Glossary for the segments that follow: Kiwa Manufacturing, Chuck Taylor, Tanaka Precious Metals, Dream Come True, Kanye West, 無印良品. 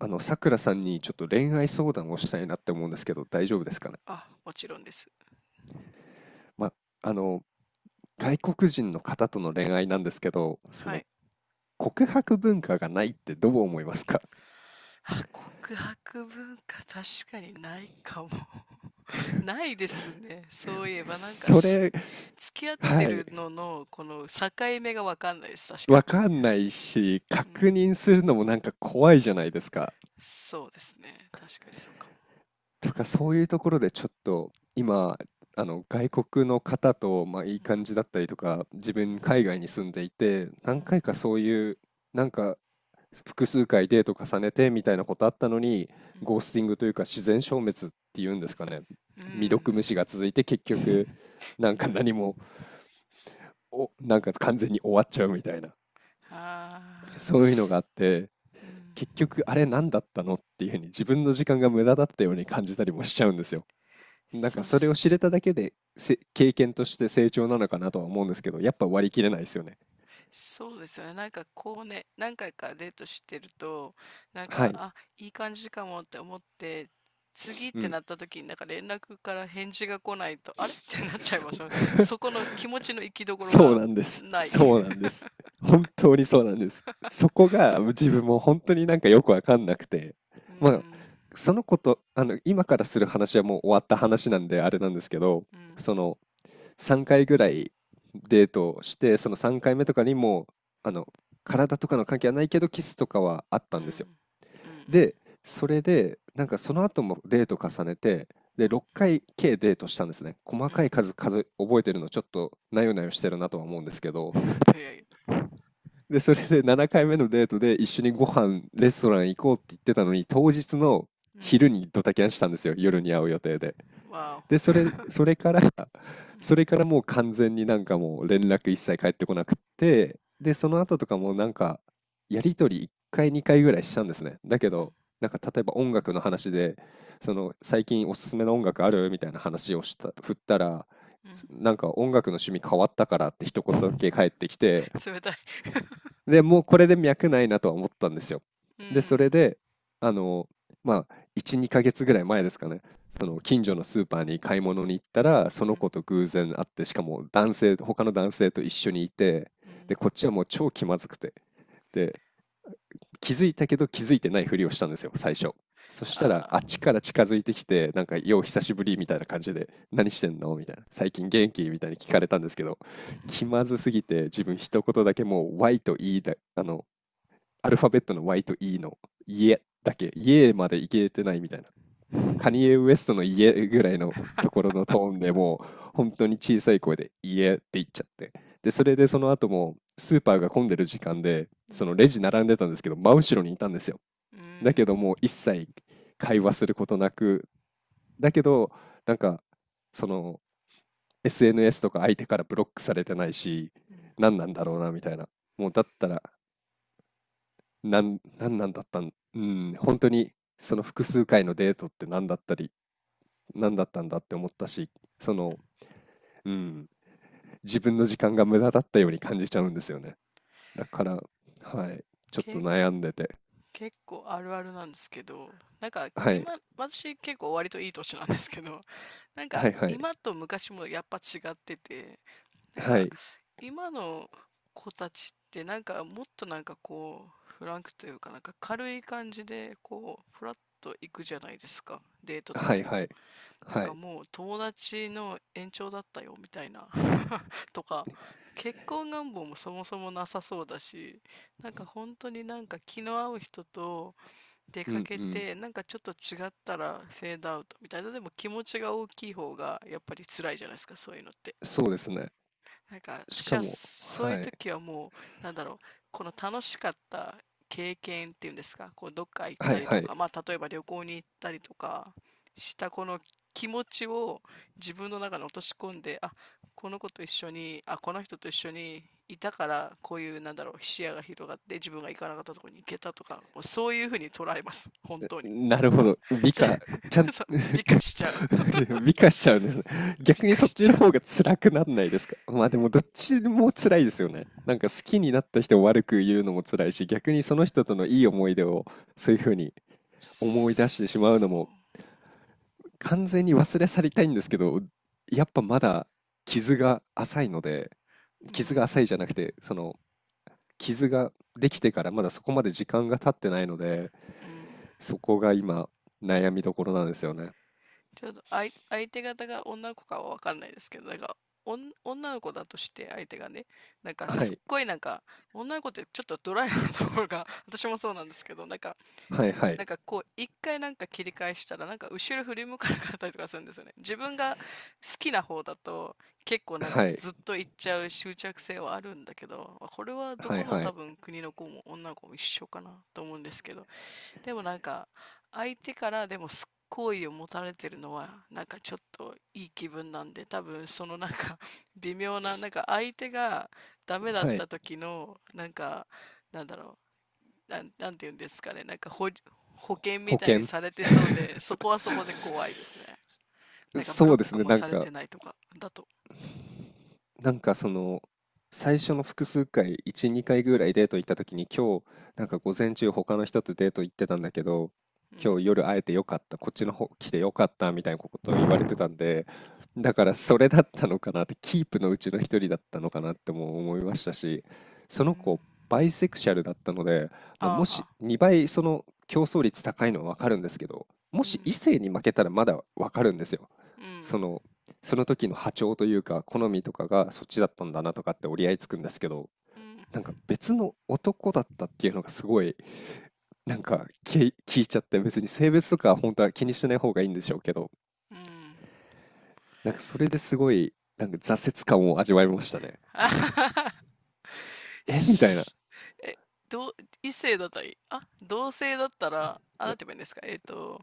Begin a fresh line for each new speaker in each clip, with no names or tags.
さくらさんにちょっと恋愛相談をしたいなって思うんですけど、大丈夫ですかね。
あ、もちろんです。
ま、あの、外国人の方との恋愛なんですけど、
はい。
告白文化がないってどう思いますか？
あ、告白文化確かにないかも。ないですね。そういえばなんか
そ
す
れ、
付き合っ
は
て
い、
るののこの境目がわかんないです。確か
わ
に。
かんないし、
うん。
確認するのもなんか怖いじゃないですか。
そうですね。確かにそうかも。
とか、そういうところでちょっと今、外国の方と、いい感じだったりとか、自分海外に住んでいて、
う
何
ん、
回かそういう、なんか、複数回デート重ねてみたいなことあったのに、
うん、
ゴースティングというか自然消滅っていうんですかね。
う
未
ん。
読無視が続いて結局、なん
めん
か
どく、
何も、なんか完全に終わっちゃうみたいな、
ああ、
そういうのがあって、
うん。
結局あれ何だったのっていうふうに自分の時間が無駄だったように感じたりもしちゃうんですよ。なんか
そ
それを
し、
知れただけで経験として成長なのかなとは思うんですけど、やっぱ割り切れないですよね。
そうですよね。なんかこうね、何回かデートしてると、なん
は
か、
い。
あ、いい感じかもって思って、次っ
う
て
ん。
なった時になんか連絡から返事が来ないと、あれ ってなっちゃい
そ
ま
う。
すよね。そこの気持ちの行きど ころ
そう
が
なんです。
ない。
そうなん です。本当にそうなんです。そこが自分も本当になんかよくわかんなくて、
う
まあ、
ん、
そのこと、今からする話はもう終わった話なんであれなんですけど、
うん、
その3回ぐらいデートをして、その3回目とかにも、あの、体とかの関係はないけど、キスとかはあっ
う
た
ん、
んですよ。
うん、うん、
で、それで、なんかその後もデート重ねて、
う
で、
ん、
6回計デートしたんですね。細
う
か
ん。
い数数え覚えてるのちょっとなよなよしてるなとは思うんですけ ど、
いやいや、
で、それで7回目のデートで一緒にご飯、レストラン行こうって言ってたのに、当日の
うん、
昼にドタキャンしたんですよ。夜に会う予定で。
わ
で、
お。
それから
うん、
それからもう完全になんかもう連絡一切返ってこなくって、で、その後とかもなんか、やりとり1回、2回ぐらいしたんですね。だけ
うん、
ど、なんか例えば音楽の話で、その最近おすすめの音楽あるみたいな話を振ったら、
うん。
なんか音楽の趣味変わったからって一言だけ返ってきて、
冷たい。
で、もうこれで脈ないなとは思ったんですよ。
う
で、それ
ん、
で、あの、1、2ヶ月ぐらい前ですかね、その近所のスーパーに買い物に行ったら、そ
う
の
ん、
子と偶然会って、しかも男性、他の男性と一緒にいて、
うん。
で、こっちはもう超気まずくて、で、気づいたけど気づいてないふりをしたんですよ、最初。そしたら、
ああ、
あっちから近づいてきて、なん
う
か、
ん、
よう久しぶりみたいな感じで、何してんのみたいな、最近元気みたいに聞かれたんですけど、気まずすぎて、自分一言だけもう、Y と E だ、アルファベットの Y と E の家だけ、家までいけてないみたいな。カニエ・ウエストの家ぐらいのところのトーンでもう、本当に小さい声で家って言っちゃって。で、それでその後も、スーパーが混んでる時間で、
う
そ
ん、
のレジ並んでたんですけど、真後ろにいたんですよ。
う
だ
ん。
けどもう一切会話することなく、だけど、なんか、その SNS とか相手からブロックされてないし、
うん、
何なんだろうなみたいな。もうだったらなんなんだったん、うん、本当にその複数回のデートって何だったんだって思ったし、その、うん、自分の時間が無駄だったように感じちゃうんですよね。だから、はい、ちょっと
け、
悩んでて。
結構あるあるなんですけど、なんか
はい。
今、私結構割といい年なんですけど、なんか
はいはい。
今と昔もやっぱ違ってて、なん
は
か
い。
今の子たちってなんかもっとなんかこう、フランクというかなんか軽い感じでこう、フラッと行くじゃないですか。デートと
は
か
い
に
は
も。
い。
なん
は
か
い。
もう友達の延長だったよみたいなとか、結婚願望もそもそもなさそうだし、なんか本当になんか気の合う人と出
う
か
ん
け
うん。
て、なんかちょっと違ったらフェードアウトみたいな。でも気持ちが大きい方がやっぱり辛いじゃないですか、そういうのって。
そうですね。
なんか
し
私
か
は
も、
そういう
はい。
時はもう、なんだろう、この楽しかった経験っていうんですか、こうどっか行っ
は
た
い
り
は
と
い。
か、まあ例えば旅行に行ったりとかしたこの気持ちを自分の中に落とし込んで、あ、この子と一緒に、あ、この人と一緒にいたからこういう、なんだろう、視野が広がって自分が行かなかったところに行けたとか、もうそういうふうに捉えます、本当に。
なるほど。美
じゃ
化、ちゃ
あ
ん、
そう、美化しちゃう。
美化しちゃうんですね。
美
逆に
化
そっ
し
ち
ち
の
ゃ
方
う。
が辛くなんないですか？まあでもどっちも辛いですよね。なんか好きになった人を悪く言うのも辛いし、逆にその人とのいい思い出をそういうふうに思い出してしまうの
そ
も完全に忘れ去りたいんですけど、やっぱまだ傷が浅いので、
う。う
傷が
ん、
浅いじゃなくて、その傷ができてからまだそこまで時間が経ってないので、
うん。
そこが今悩みどころなんですよね。
ちょっと相手方が女の子かはわかんないですけど、なんか、おん、女の子だとして相手がね、なんか
は
すっ
い。
ごいなんか、女の子ってちょっとドライなところが 私もそうなんですけど、なんか、
はいはい。
なんかこう、一回なんか切り返したら、なんか後ろ振り向かなかったりとかするんですよね。自分が好きな方だと、結構なん
は
か
い。
ずっと行っちゃう執着性はあるんだけど、これはど
はい
この
は
多
い。
分国の子も女の子も一緒かなと思うんですけど、でもなんか、相手からでも好意を持たれてるのは、なんかちょっといい気分なんで、多分そのなんか 微妙な、なんか相手がダメだっ
はい。
た時の、なんか、なんだろう、なんて言うんですかね、保険
保
みたいに
険。
されてそうで、そこはそこで怖いですね。なんかブ
そ
ロ
う
ッ
です
ク
ね、
も
なん
され
か、
てないとか、だと。
なんかその最初の複数回1、2回ぐらいデート行った時に、今日なんか午前中他の人とデート行ってたんだけど、
う
今
ん。
日夜会えてよかった、こっちの方来てよかったみたいなことを言われてたんで、だからそれだったのかなって、キープのうちの一人だったのかなっても思いましたし、そ
う
の
ん。
子バイセクシャルだったので、
ああ
もし
は。
2倍その競争率高いのは分かるんですけど、も
う
し異
ん。
性に負けたらまだ分かるんですよ。
う
そ
ん。
のその時の波長というか、好みとかがそっちだったんだなとかって折り合いつくんですけど、
うん。
なんか別の男だったっていうのがすごい、なんか聞いちゃって、別に性別とか本当は気にしない方がいいんでしょうけど、
うん。
なんかそれですごい、なんか挫折感を味わいましたね。
あははは
えみたいな。
すえ、どう、異性だったり、あ、同性だったら、あ、な
な
んて言えばいいんですか、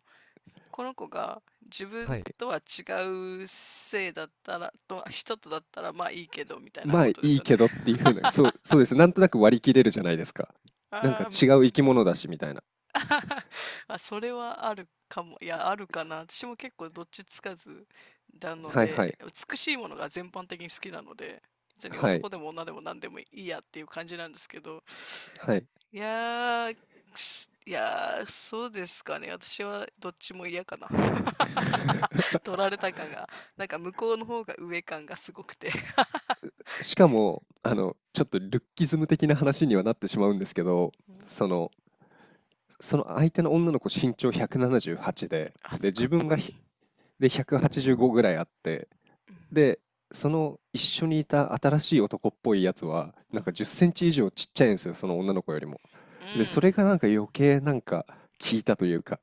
この子が自
は
分
い。
とは違う性だったら、と人とだったら、まあいいけど、みたいな
まあ
こ
い
とです
い
よね。
けどって いうふうな、そうです。なんとなく割り切れるじゃないですか。なんか
あー、
違う生き物だしみたいな。
あ、それはあるかも。いや、あるかな。私も結構どっちつかずなの
はいは
で、
い。
美しいものが全般的に好きなので、別に
はい。
男でも女でも何でもいいやっていう感じなんですけど、
はい。
いやー、いやー、そうですかね。私はどっちも嫌かな。取られた感が、なんか向こうの方が上感がすごくて。
しかも、
うん。
ちょっとルッキズム的な話にはなってしまうんですけど、
うん。
その、その相手の女の子身長178で、
あ、
で、
か
自
っ
分
こ
が
いい。
185ぐらいあって、で、その一緒にいた新しい男っぽいやつは、
う
なんか
ん。
10センチ以上ちっちゃいんですよ、その女の子よりも。
う
で、そ
ん。
れがなんか余計なんか効いたというか、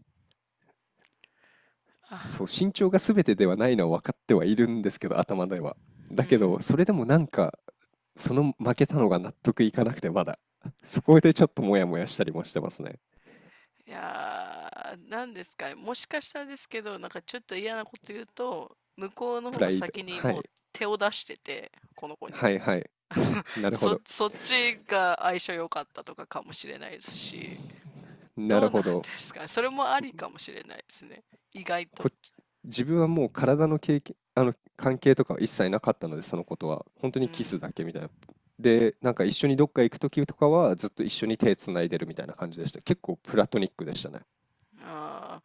そ
あ、
う、身長が全てではないのは分かってはいるんですけど、頭では。
う
だけ
ん。
ど、それでもなんか、その負けたのが納得いかなくて、まだ。そこでちょっとモヤモヤしたりもしてますね。
いやー、なんですかね。もしかしたらですけど、なんかちょっと嫌なこと言うと、向こうの
プ
方
ラ
が
イド。
先に
は
もう
い。
手を出してて、この子に。
はいはい。なるほど。
そっちが相性良かったとかかもしれないですし。
な
ど
る
うな
ほ
ん
ど。
ですかそれもありかもしれないですね。意外と。
こっち、自分はもう体の経験、関係とかは一切なかったので、そのことは。本当
う
にキス
ん。
だけみたいな。で、なんか一緒にどっか行くときとかは、ずっと一緒に手つないでるみたいな感じでした。結構プラトニックでしたね。
あ、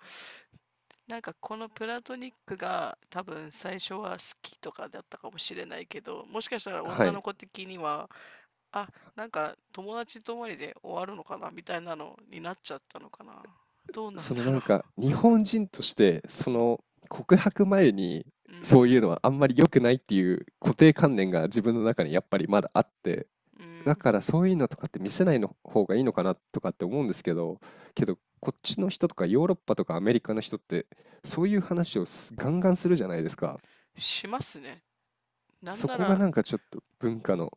なんかこのプラトニックが多分最初は好きとかだったかもしれないけど、もしかしたら
は
女の
い。
子的には、あ、なんか友達とまりで終わるのかなみたいなのになっちゃったのかな。どうなんだろ
日本人として
う うん。
告白前に
う
そうい
ん。
うのはあんまり良くないっていう固定観念が自分の中にやっぱりまだあって、
う
だ
ん。
からそういうのとかって見せないの方がいいのかなとかって思うんですけど、けどこっちの人とかヨーロッパとかアメリカの人ってそういう話をガンガンするじゃないですか。
しますね。なん
そ
な
こが
ら、
なんかちょっと文化の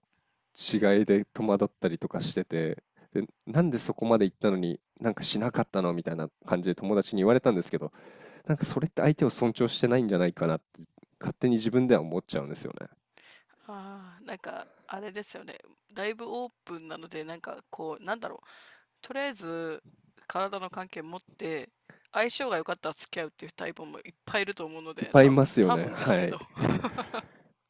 うん。
違いで戸惑ったりとかしてて、でなんでそこまで行ったのになんかしなかったのみたいな感じで友達に言われたんですけど、なんかそれって相手を尊重してないんじゃないかなって勝手に自分では思っちゃうんですよね。
ああ、なんかあれですよね。だいぶオープンなので、なんかこう、なんだろう、とりあえず体の関係持って相性が良かったら付き合うっていうタイプもいっぱいいると思うの
いっ
で、
ぱいいますよ
多
ね。
分です
は
けど。
い。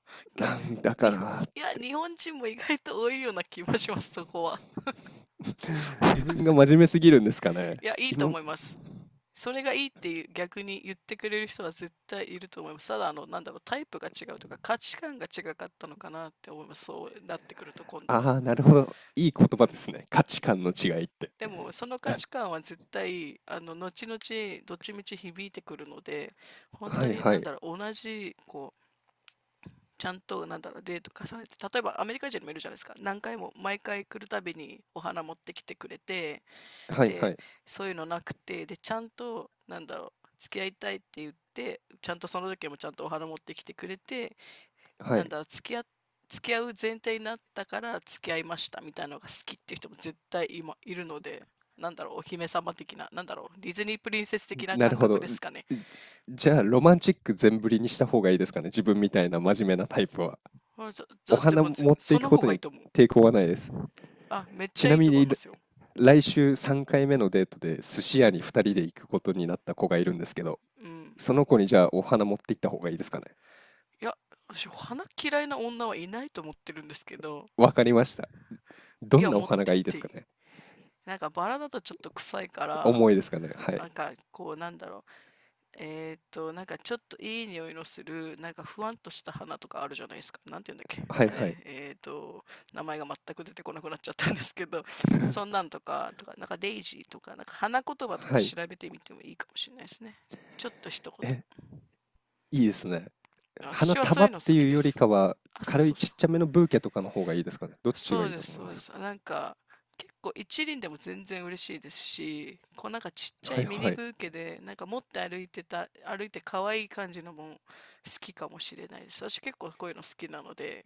なんだか
日本、
ら
いや、日本人も意外と多いような気もします、そこは。
自分が真面目すぎるんですかね。
いや、いいと
今、
思います。それがいいっていう逆に言ってくれる人は絶対いると思います。ただ、あの、なんだろう、タイプが違うとか価値観が違かったのかなって思います。そうなってくると今度は、
ああ、なるほど。いい言
う
葉で
ん、
すね。価値観の違いって。
でも、その価値観は絶対、あの、後々、どっちみち響いてくるので、本
は
当
い
に、
は
なんだ
い。
ろう、同じ、こう、ちゃんと、なんだろう、デート重ねて、例えばアメリカ人もいるじゃないですか。何回も、毎回来るたびにお花持ってきてくれて、
はいは
で、
い。
そういうのなくて、で、ちゃんと、なんだろう、付き合いたいって言って、ちゃんとその時もちゃんとお花持ってきてくれて、
は
なん
い。
だろう、付き合う前提になったから付き合いましたみたいなのが好きっていう人も絶対今いるので、なんだろう、お姫様的な、なんだろう、ディズニープリンセス的な
なる
感
ほ
覚
ど。
ですかね。
じじゃあ、ロマンチック全振りにした方がいいですかね。自分みたいな真面目なタイプは。
まあ、じゃ、じ
お
ゃ、で
花
も
持って
そ
いく
の
こ
方
と
がいい
に
と思う。
抵抗はないです。
あ、めっち
ち
ゃ
な
いい
み
と思い
に、
ますよ。
来週3回目のデートで寿司
う
屋
ん。
に2人で行くことになった子がいるんですけど、
うん。
その子にじゃあお花持って行った方がいいですかね。
いや、私、花嫌いな女はいないと思ってるんですけど、
わかりました。
い
ど
や、
んなお
持っ
花
て
が
っ
いいで
て
す
いい。
かね。
なんかバラだとちょっと臭いから、
重いですかね。は
な
い。
んかこう、なんだろう、なんかちょっといい匂いのする、なんかふわんとした花とかあるじゃないですか。なんて言うんだっけ。
は
あ
いは
れ、
い。
名前が全く出てこなくなっちゃったんですけど、そんなんとか、とか、なんかデイジーとか、なんか花言葉とか
はい。
調べてみてもいいかもしれないですね。ちょっと一
え、
言。
いいですね。花
私はそう
束
いう
っ
の好
て
き
いう
で
より
す。
かは、
あ、そう
軽
そ
い
う
ち
そ
っ
う。
ちゃめのブーケとかの方がいいですかね。どっち
そ
が
う
いい
で
と
す、
思い
そう
ま
で
す
す。
か。
なんか、結構一輪でも全然嬉しいですし、こうなんかちっちゃ
は
い
い
ミ
は
ニ
い。
ブーケで、なんか持って歩いてた、歩いて可愛い感じのも好きかもしれないです。私結構こういうの好きなので、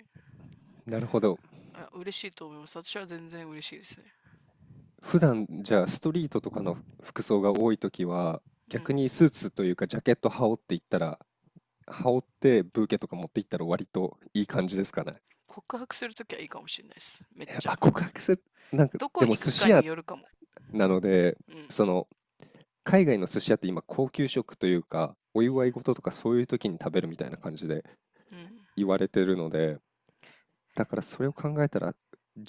なるほど。
あ、嬉しいと思います。私は全然嬉しいですね。
普段じゃあストリートとかの服装が多いときは、
う
逆
ん。
にスーツというかジャケット羽織っていったら羽織ってブーケとか持って行ったら割といい感じですかね。
告白するときはいいかもしれないです。めっちゃ。
あ、告白する、なんか、
どこ
でも
行
寿
く
司
か
屋
によるかも。
なので、
うん。
その、海外の寿司屋って今高級食というか、お祝い事とかそういう時に食べるみたいな感じで
うん。
言われてるので、だからそれを考えたら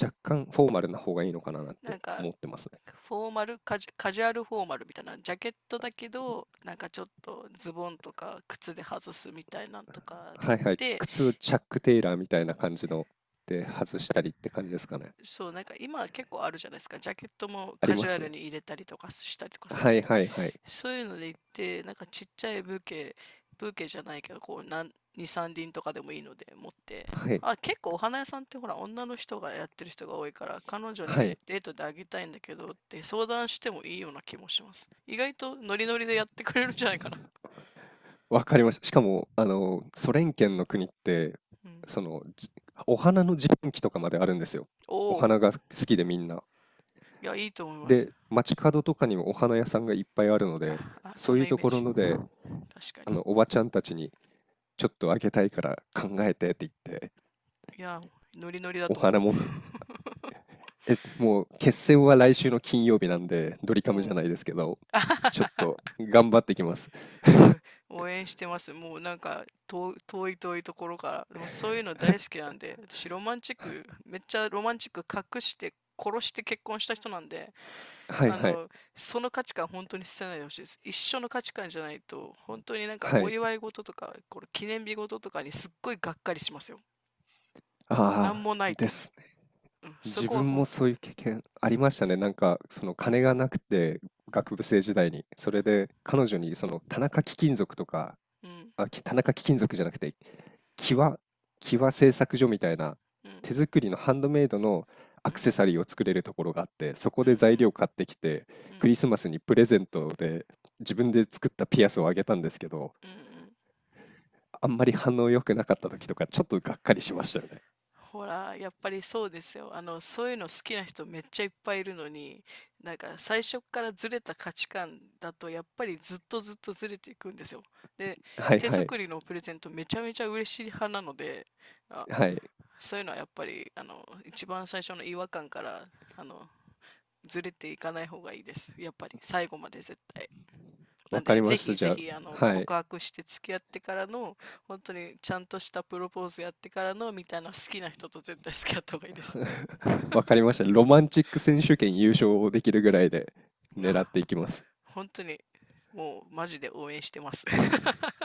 若干フォーマルな方がいいのかななん
な
て
んか
思ってますね。
フォーマル、カジュアルフォーマルみたいな、ジャケットだけど、なんかちょっとズボンとか靴で外すみたいなんとかで
は
行っ
いはい。
て、
靴、チャック・テイラーみたいな感じので外したりって感じですかね。
そう、なんか今結構あるじゃないですか。ジャケットも
あり
カ
ま
ジュア
す
ル
ね。
に入れたりとかしたりとかする
は
の
い
で。
はいはい。
そういうので行って、なんかちっちゃいブーケ、ブーケじゃないけど、こう、なん、2、さん輪とかでもいいので持って、
はい。
あ、結構お花屋さんってほら、女の人がやってる人が多いから、彼女
は
に
い。
デートであげたいんだけどって相談してもいいような気もします。意外とノリノリでやってくれるんじゃないかな。
わかりました。しかも、あの、ソ連圏の国って、
うん。
その、じお花の自販機とかまであるんですよ。
お
お
お、
花が好きでみんな。
いや、いいと思います。
で、街角とかにもお花屋さんがいっぱいあるので、
あ、あ、
そ
そん
うい
な
う
イ
と
メー
ころ
ジ。
の
確か
で、あ
に。
の、おばちゃんたちに、ちょっとあげたいから考えてって言って、
いや、ノリノリだ
お
と思
花
う。
持ってく、え、もう決戦は来週の金曜日なんで、ド リ
お
カムじゃな
お。
いですけど、
あは
ちょっ
は、
と頑張ってきます。
あ、応援してます。もうなんか遠い遠いところから、もうそういうの大好きなんで、私ロマンチック、めっちゃロマンチック隠して、殺して結婚した人なんで、
はい
あ
はい。
の、その価値観本当に捨てないでほしいです。一緒の価値観じゃないと、本当になんか
は
お
い。
祝い事とか、これ記念日事とかにすっごいがっかりしますよ。なん
ああ、
もない
で
と。
す。
うん、そ
自
こは
分も
本
そ
当。
ういう経験ありましたね。なんか、その金がなくて、学部生時代に。それで、彼女に、その、田中貴金属とか、
うん、
あ、田中貴金属じゃなくて、キワ、キワ製作所みたいな、
うん、
手作りのハンドメイドの
う
アクセサ
ん、
リーを作れるところがあって、そこ
うん、う
で材
ん、
料買ってきて、
うん、う
ク
ん、
リスマスにプレゼントで、自分で作ったピアスをあげたんですけど、
うん。うん、
あんまり反応良くなかった時とか、ちょっとがっかりしましたよね。
ほら、やっぱりそうですよ。あの、そういうの好きな人めっちゃいっぱいいるのに、なんか最初からずれた価値観だと、やっぱりずっとずっとずれていくんですよ。で、
はい
手
はい。
作りのプレゼントめちゃめちゃ嬉しい派なので、あ、
はい。
そういうのはやっぱり、あの、一番最初の違和感から、あの、ずれていかない方がいいです。やっぱり最後まで絶対。な
わ
ん
か
で、
りま
ぜ
した。
ひ
じ
ぜ
ゃ
ひ、あの、
あ、は
告
い。
白して付き合ってからの、本当にちゃんとしたプロポーズやってからの、みたいな好きな人と絶対付き合った方がいいです。
わかりました。ロマンチック選手権優勝できるぐらいで狙っ
あ、
ていきます。
本当に、もう、マジで応援してます。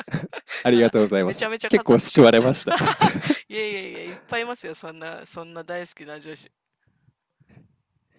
ありが
な、
とうございま
めちゃ
す。
めちゃ語っ
結構
てし
救
ま
わ
っ
れ
た。
ました。
いやいやいや、いっぱいいますよ。そんな、そんな大好きな女子、